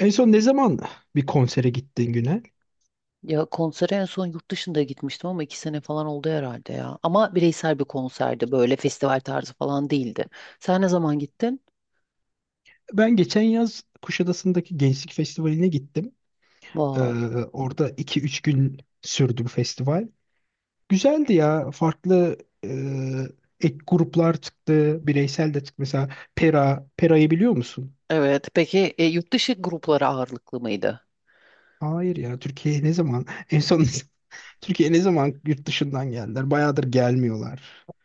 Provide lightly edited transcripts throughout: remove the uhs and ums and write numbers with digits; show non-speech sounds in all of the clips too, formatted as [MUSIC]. En son ne zaman bir konsere gittin Günel? Ya konsere en son yurt dışında gitmiştim ama 2 sene falan oldu herhalde ya. Ama bireysel bir konserdi böyle festival tarzı falan değildi. Sen ne zaman gittin? Ben geçen yaz Kuşadası'ndaki Gençlik Festivali'ne gittim. Ee, Wow. Orada 2-3 gün sürdü bu festival. Güzeldi ya. Farklı e, ek gruplar çıktı. Bireysel de çıktı. Mesela Pera. Pera'yı biliyor musun? Evet. Peki yurt dışı grupları ağırlıklı mıydı? Hayır ya. Türkiye'ye ne zaman? En son [LAUGHS] Türkiye'ye ne zaman yurt dışından geldiler? Bayağıdır gelmiyorlar.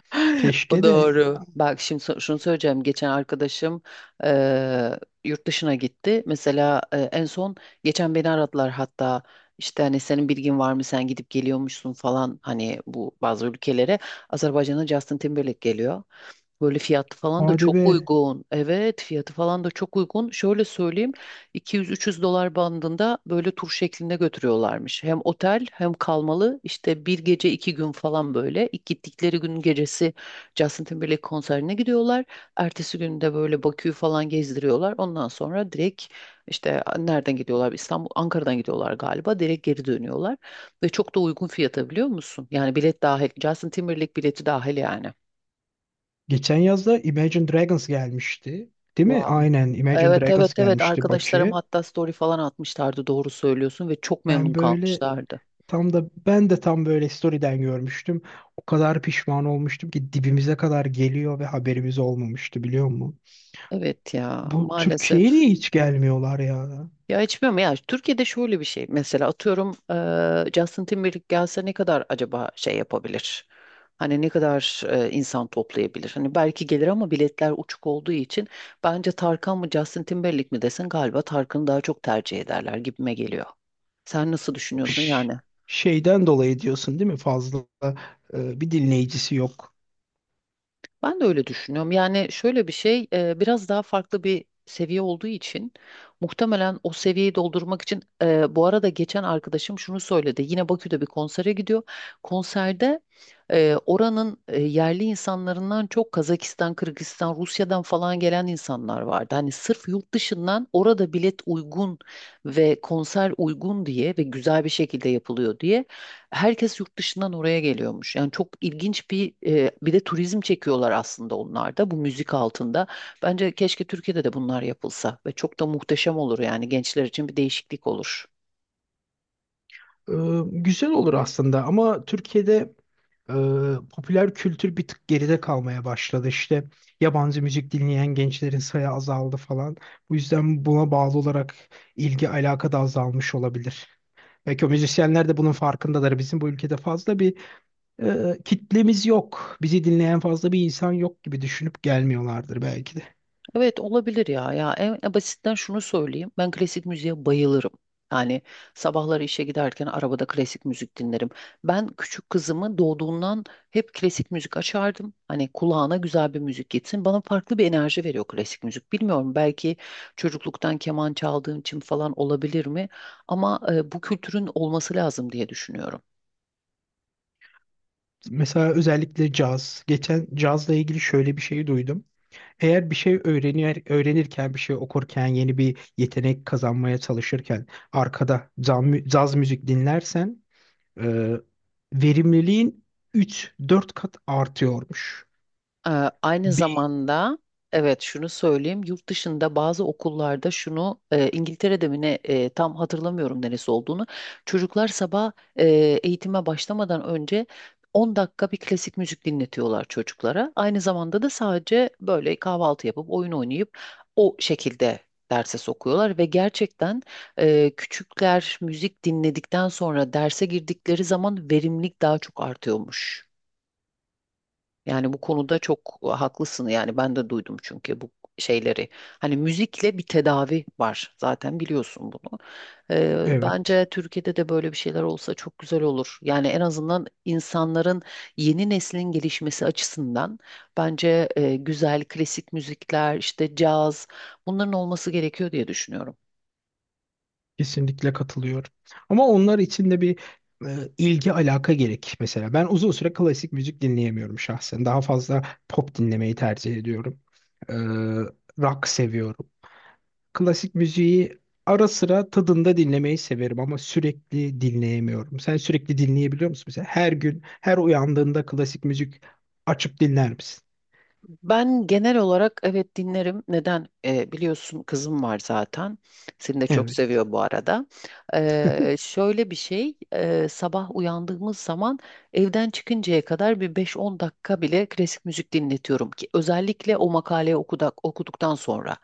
[LAUGHS] O Keşke de doğru. Bak şimdi şunu söyleyeceğim. Geçen arkadaşım yurt dışına gitti. Mesela en son geçen beni aradılar hatta işte hani senin bilgin var mı, sen gidip geliyormuşsun falan hani bu bazı ülkelere. Azerbaycan'a Justin Timberlake geliyor. Böyle fiyatı falan da hadi çok be. uygun. Evet, fiyatı falan da çok uygun. Şöyle söyleyeyim, 200-300 dolar bandında böyle tur şeklinde götürüyorlarmış. Hem otel hem kalmalı, işte bir gece 2 gün falan böyle. İlk gittikleri gün gecesi Justin Timberlake konserine gidiyorlar. Ertesi gün de böyle Bakü'yü falan gezdiriyorlar. Ondan sonra direkt işte nereden gidiyorlar? İstanbul, Ankara'dan gidiyorlar galiba. Direkt geri dönüyorlar. Ve çok da uygun fiyata biliyor musun? Yani bilet dahil. Justin Timberlake bileti dahil yani. Geçen yazda Imagine Dragons gelmişti. Değil mi? Wow. Aynen Imagine Evet, evet, Dragons evet, gelmişti arkadaşlarım Bakü'ye. hatta story falan atmışlardı, doğru söylüyorsun ve çok memnun Ben böyle kalmışlardı. Ben de tam böyle story'den görmüştüm. O kadar pişman olmuştum ki dibimize kadar geliyor ve haberimiz olmamıştı biliyor musun? Evet ya, Bu maalesef. Türkiye'ye niye hiç gelmiyorlar ya? Ya hiç bilmiyorum ya, Türkiye'de şöyle bir şey, mesela atıyorum Justin Timberlake gelse ne kadar acaba şey yapabilir? Hani ne kadar insan toplayabilir? Hani belki gelir ama biletler uçuk olduğu için bence Tarkan mı Justin Timberlake mi desen galiba Tarkan'ı daha çok tercih ederler gibime geliyor. Sen nasıl düşünüyorsun Ş- yani? Şeyden dolayı diyorsun değil mi? Fazla bir dinleyicisi yok. Ben de öyle düşünüyorum. Yani şöyle bir şey, biraz daha farklı bir seviye olduğu için muhtemelen o seviyeyi doldurmak için, bu arada geçen arkadaşım şunu söyledi. Yine Bakü'de bir konsere gidiyor. Konserde oranın yerli insanlarından çok Kazakistan, Kırgızistan, Rusya'dan falan gelen insanlar vardı. Hani sırf yurt dışından orada bilet uygun ve konser uygun diye ve güzel bir şekilde yapılıyor diye herkes yurt dışından oraya geliyormuş. Yani çok ilginç bir de turizm çekiyorlar aslında onlar da bu müzik altında. Bence keşke Türkiye'de de bunlar yapılsa ve çok da muhteşem olur, yani gençler için bir değişiklik olur. E, Güzel olur aslında ama Türkiye'de e, popüler kültür bir tık geride kalmaya başladı. İşte yabancı müzik dinleyen gençlerin sayı azaldı falan. Bu yüzden buna bağlı olarak ilgi alaka da azalmış olabilir. Belki o müzisyenler de bunun farkındadır. Bizim bu ülkede fazla bir kitlemiz yok. Bizi dinleyen fazla bir insan yok gibi düşünüp gelmiyorlardır belki de. Evet, olabilir ya. Ya en basitten şunu söyleyeyim. Ben klasik müziğe bayılırım. Yani sabahları işe giderken arabada klasik müzik dinlerim. Ben küçük kızımı doğduğundan hep klasik müzik açardım. Hani kulağına güzel bir müzik gitsin. Bana farklı bir enerji veriyor klasik müzik. Bilmiyorum, belki çocukluktan keman çaldığım için falan olabilir mi? Ama bu kültürün olması lazım diye düşünüyorum. Mesela özellikle caz. Geçen cazla ilgili şöyle bir şey duydum. Eğer bir şey öğrenir, öğrenirken, bir şey okurken, yeni bir yetenek kazanmaya çalışırken arkada caz, caz müzik dinlersen e, verimliliğin 3-4 kat artıyormuş. Ee, aynı Bir, zamanda, evet, şunu söyleyeyim, yurt dışında bazı okullarda şunu İngiltere'de mi ne, tam hatırlamıyorum neresi olduğunu, çocuklar sabah eğitime başlamadan önce 10 dakika bir klasik müzik dinletiyorlar çocuklara. Aynı zamanda da sadece böyle kahvaltı yapıp oyun oynayıp o şekilde derse sokuyorlar ve gerçekten küçükler müzik dinledikten sonra derse girdikleri zaman verimlilik daha çok artıyormuş. Yani bu konuda çok haklısın. Yani ben de duydum çünkü bu şeyleri. Hani müzikle bir tedavi var. Zaten biliyorsun bunu. Ee, evet. bence Türkiye'de de böyle bir şeyler olsa çok güzel olur. Yani en azından insanların, yeni neslin gelişmesi açısından bence güzel klasik müzikler, işte caz, bunların olması gerekiyor diye düşünüyorum. Kesinlikle katılıyorum. Ama onlar için de bir ilgi alaka gerek mesela. Ben uzun süre klasik müzik dinleyemiyorum şahsen. Daha fazla pop dinlemeyi tercih ediyorum. E, Rock seviyorum. Klasik müziği ara sıra tadında dinlemeyi severim ama sürekli dinleyemiyorum. Sen sürekli dinleyebiliyor musun mesela? Her gün, her uyandığında klasik müzik açıp dinler misin? Ben genel olarak evet dinlerim. Neden? Biliyorsun kızım var zaten. Seni de çok Evet. seviyor bu arada. Şöyle bir şey, sabah uyandığımız zaman evden çıkıncaya kadar bir 5-10 dakika bile klasik müzik dinletiyorum ki, özellikle o makaleyi okuduktan sonra.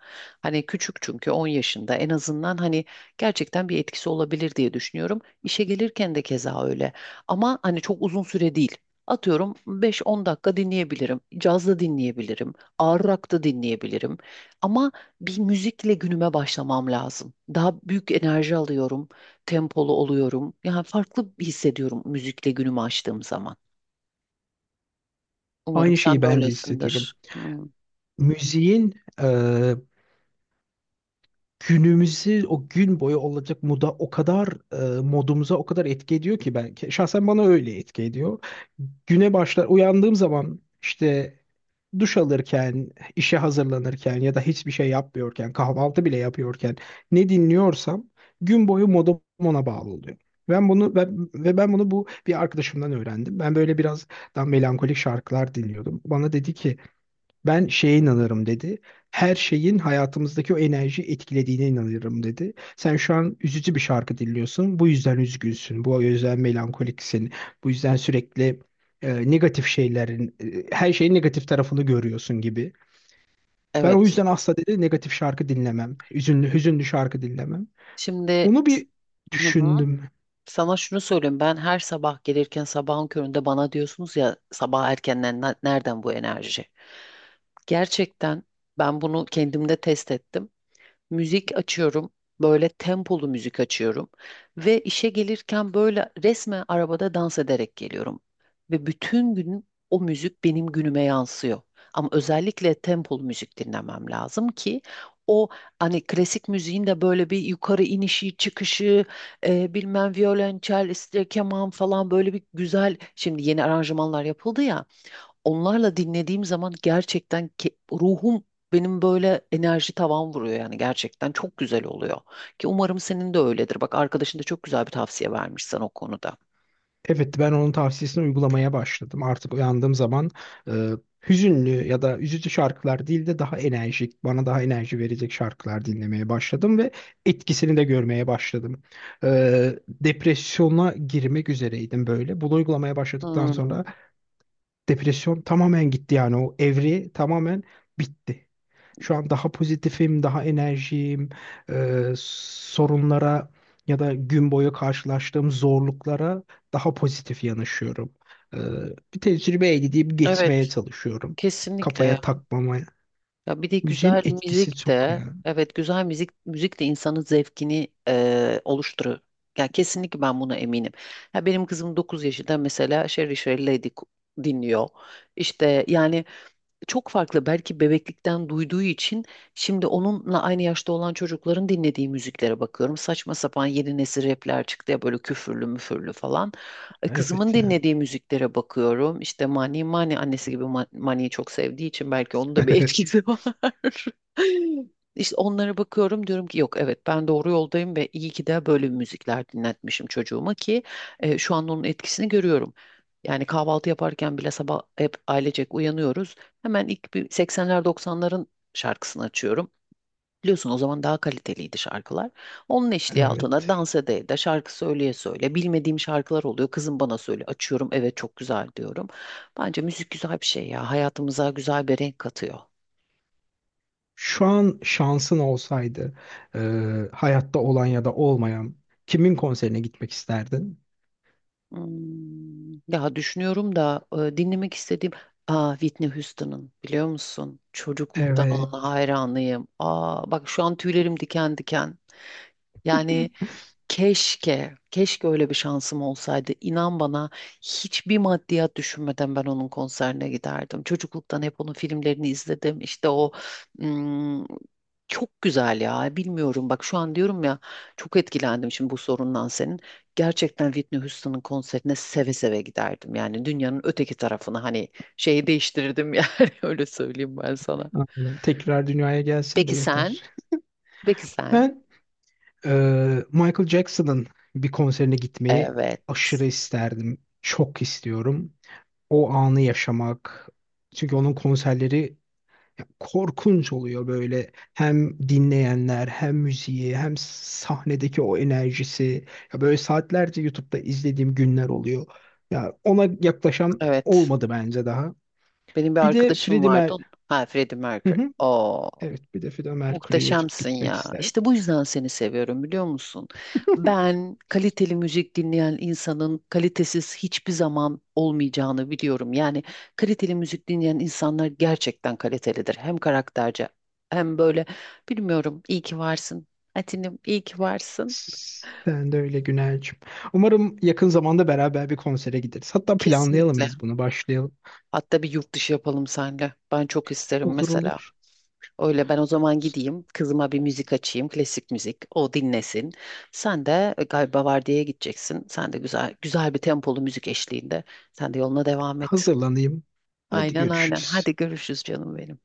Hani küçük, çünkü 10 yaşında, en azından hani gerçekten bir etkisi olabilir diye düşünüyorum. İşe gelirken de keza öyle. Ama hani çok uzun süre değil. Atıyorum 5-10 dakika dinleyebilirim. Caz da dinleyebilirim. Ağır rock da dinleyebilirim. Ama bir müzikle günüme başlamam lazım. Daha büyük enerji alıyorum. Tempolu oluyorum. Yani farklı hissediyorum müzikle günümü açtığım zaman. Umarım Aynı şeyi sen de ben de hissediyorum. öylesindir. Hmm, Müziğin e, günümüzü o gün boyu olacak moda o kadar modumuza o kadar etki ediyor ki ben şahsen bana öyle etki ediyor. Güne başlar uyandığım zaman işte duş alırken, işe hazırlanırken ya da hiçbir şey yapmıyorken, kahvaltı bile yapıyorken ne dinliyorsam gün boyu modum ona bağlı oluyor. Ben bunu ben, ve ben bunu Bu bir arkadaşımdan öğrendim. Ben böyle biraz daha melankolik şarkılar dinliyordum. Bana dedi ki ben şeye inanırım dedi. Her şeyin hayatımızdaki o enerjiyi etkilediğine inanırım dedi. Sen şu an üzücü bir şarkı dinliyorsun. Bu yüzden üzgünsün. Bu yüzden melankoliksin. Bu yüzden sürekli negatif şeylerin, her şeyin negatif tarafını görüyorsun gibi. Ben o evet. yüzden asla dedi negatif şarkı dinlemem. Hüzünlü, hüzünlü şarkı dinlemem. Şimdi, Onu bir hı hı, düşündüm. sana şunu söyleyeyim. Ben her sabah gelirken sabahın köründe bana diyorsunuz ya, sabah erkenden nereden bu enerji? Gerçekten ben bunu kendimde test ettim. Müzik açıyorum. Böyle tempolu müzik açıyorum ve işe gelirken böyle resmen arabada dans ederek geliyorum. Ve bütün gün o müzik benim günüme yansıyor. Ama özellikle tempolu müzik dinlemem lazım ki o, hani klasik müziğin de böyle bir yukarı inişi, çıkışı, bilmem violonçel, işte keman falan, böyle bir güzel, şimdi yeni aranjmanlar yapıldı ya, onlarla dinlediğim zaman gerçekten ruhum, benim böyle enerji tavan vuruyor, yani gerçekten çok güzel oluyor. Ki umarım senin de öyledir. Bak, arkadaşın da çok güzel bir tavsiye vermiş sana o konuda. Evet ben onun tavsiyesini uygulamaya başladım. Artık uyandığım zaman e, hüzünlü ya da üzücü şarkılar değil de daha enerjik, bana daha enerji verecek şarkılar dinlemeye başladım ve etkisini de görmeye başladım. E, Depresyona girmek üzereydim böyle. Bunu uygulamaya başladıktan Hmm, sonra depresyon tamamen gitti yani o evri tamamen bitti. Şu an daha pozitifim, daha enerjiyim. Sorunlara ya da gün boyu karşılaştığım zorluklara daha pozitif yanaşıyorum. Ee, Bir tecrübe elde edip geçmeye evet, çalışıyorum. kesinlikle ya. Kafaya takmamaya. Ya bir de Müziğin güzel etkisi müzik çok de, ya. evet, güzel müzik de insanın zevkini oluşturuyor. Ya kesinlikle, ben buna eminim. Ya benim kızım 9 yaşında mesela Sherry Sherry Lady dinliyor. İşte yani çok farklı. Belki bebeklikten duyduğu için, şimdi onunla aynı yaşta olan çocukların dinlediği müziklere bakıyorum. Saçma sapan yeni nesil rapler çıktı ya böyle, küfürlü müfürlü falan. Kızımın Evet ya. dinlediği müziklere bakıyorum. İşte Mani, Mani annesi gibi Mani'yi çok sevdiği için belki onun da bir [LAUGHS] etkisi [LAUGHS] var. İşte onlara bakıyorum, diyorum ki yok, evet ben doğru yoldayım ve iyi ki de böyle müzikler dinletmişim çocuğuma ki şu an onun etkisini görüyorum. Yani kahvaltı yaparken bile sabah hep ailecek uyanıyoruz. Hemen ilk bir 80'ler 90'ların şarkısını açıyorum. Biliyorsun, o zaman daha kaliteliydi şarkılar. Onun eşliği altına Evet. dans ede de şarkı söyleye söyle. Bilmediğim şarkılar oluyor. Kızım bana söyle. Açıyorum. Evet, çok güzel diyorum. Bence müzik güzel bir şey ya. Hayatımıza güzel bir renk katıyor. Şu an şansın olsaydı e, hayatta olan ya da olmayan kimin konserine gitmek isterdin? Hmm, ya düşünüyorum da dinlemek istediğim, aa, Whitney Houston'ın biliyor musun? Çocukluktan ona Evet. hayranıyım. Aa, bak şu an tüylerim diken diken. Yani [LAUGHS] keşke, keşke öyle bir şansım olsaydı. İnan bana, hiçbir maddiyat düşünmeden ben onun konserine giderdim. Çocukluktan hep onun filmlerini izledim. İşte o, ım, çok güzel ya. Bilmiyorum, bak şu an diyorum ya, çok etkilendim şimdi bu sorundan senin. Gerçekten Whitney Houston'ın konserine seve seve giderdim. Yani dünyanın öteki tarafını, hani şeyi değiştirirdim yani, [LAUGHS] öyle söyleyeyim ben sana. Aynen. Tekrar dünyaya gelsin de Peki sen? yeter. Peki sen? Ben Michael Jackson'ın bir konserine gitmeyi Evet. aşırı isterdim. Çok istiyorum. O anı yaşamak. Çünkü onun konserleri ya, korkunç oluyor böyle. Hem dinleyenler, hem müziği, hem sahnedeki o enerjisi. Ya böyle saatlerce YouTube'da izlediğim günler oluyor. Ya ona yaklaşan Evet. olmadı bence daha. Benim bir Bir de arkadaşım Freddie Mer... vardı. Ha, Freddie Hı Mercury. hı. Oo, Evet, bir de Freddie Mercury'ye çok muhteşemsin gitmek ya. isterdim. İşte bu yüzden seni seviyorum, biliyor musun? [LAUGHS] Ben kaliteli müzik dinleyen insanın kalitesiz hiçbir zaman olmayacağını biliyorum. Yani kaliteli müzik dinleyen insanlar gerçekten kalitelidir. Hem karakterce, hem böyle, bilmiyorum. İyi ki varsın. Atinim, iyi ki varsın. Sen de öyle Güner'cim. Umarım yakın zamanda beraber bir konsere gideriz. Hatta planlayalım Kesinlikle. biz bunu, başlayalım. Hatta bir yurt dışı yapalım seninle. Ben çok isterim Olur mesela. olur. Öyle ben o zaman gideyim, kızıma bir müzik açayım, klasik müzik, o dinlesin. Sen de galiba vardiyaya gideceksin. Sen de güzel güzel bir tempolu müzik eşliğinde. Sen de yoluna devam et. Hazırlanayım. Hadi Aynen, aynen. görüşürüz. Hadi görüşürüz canım benim.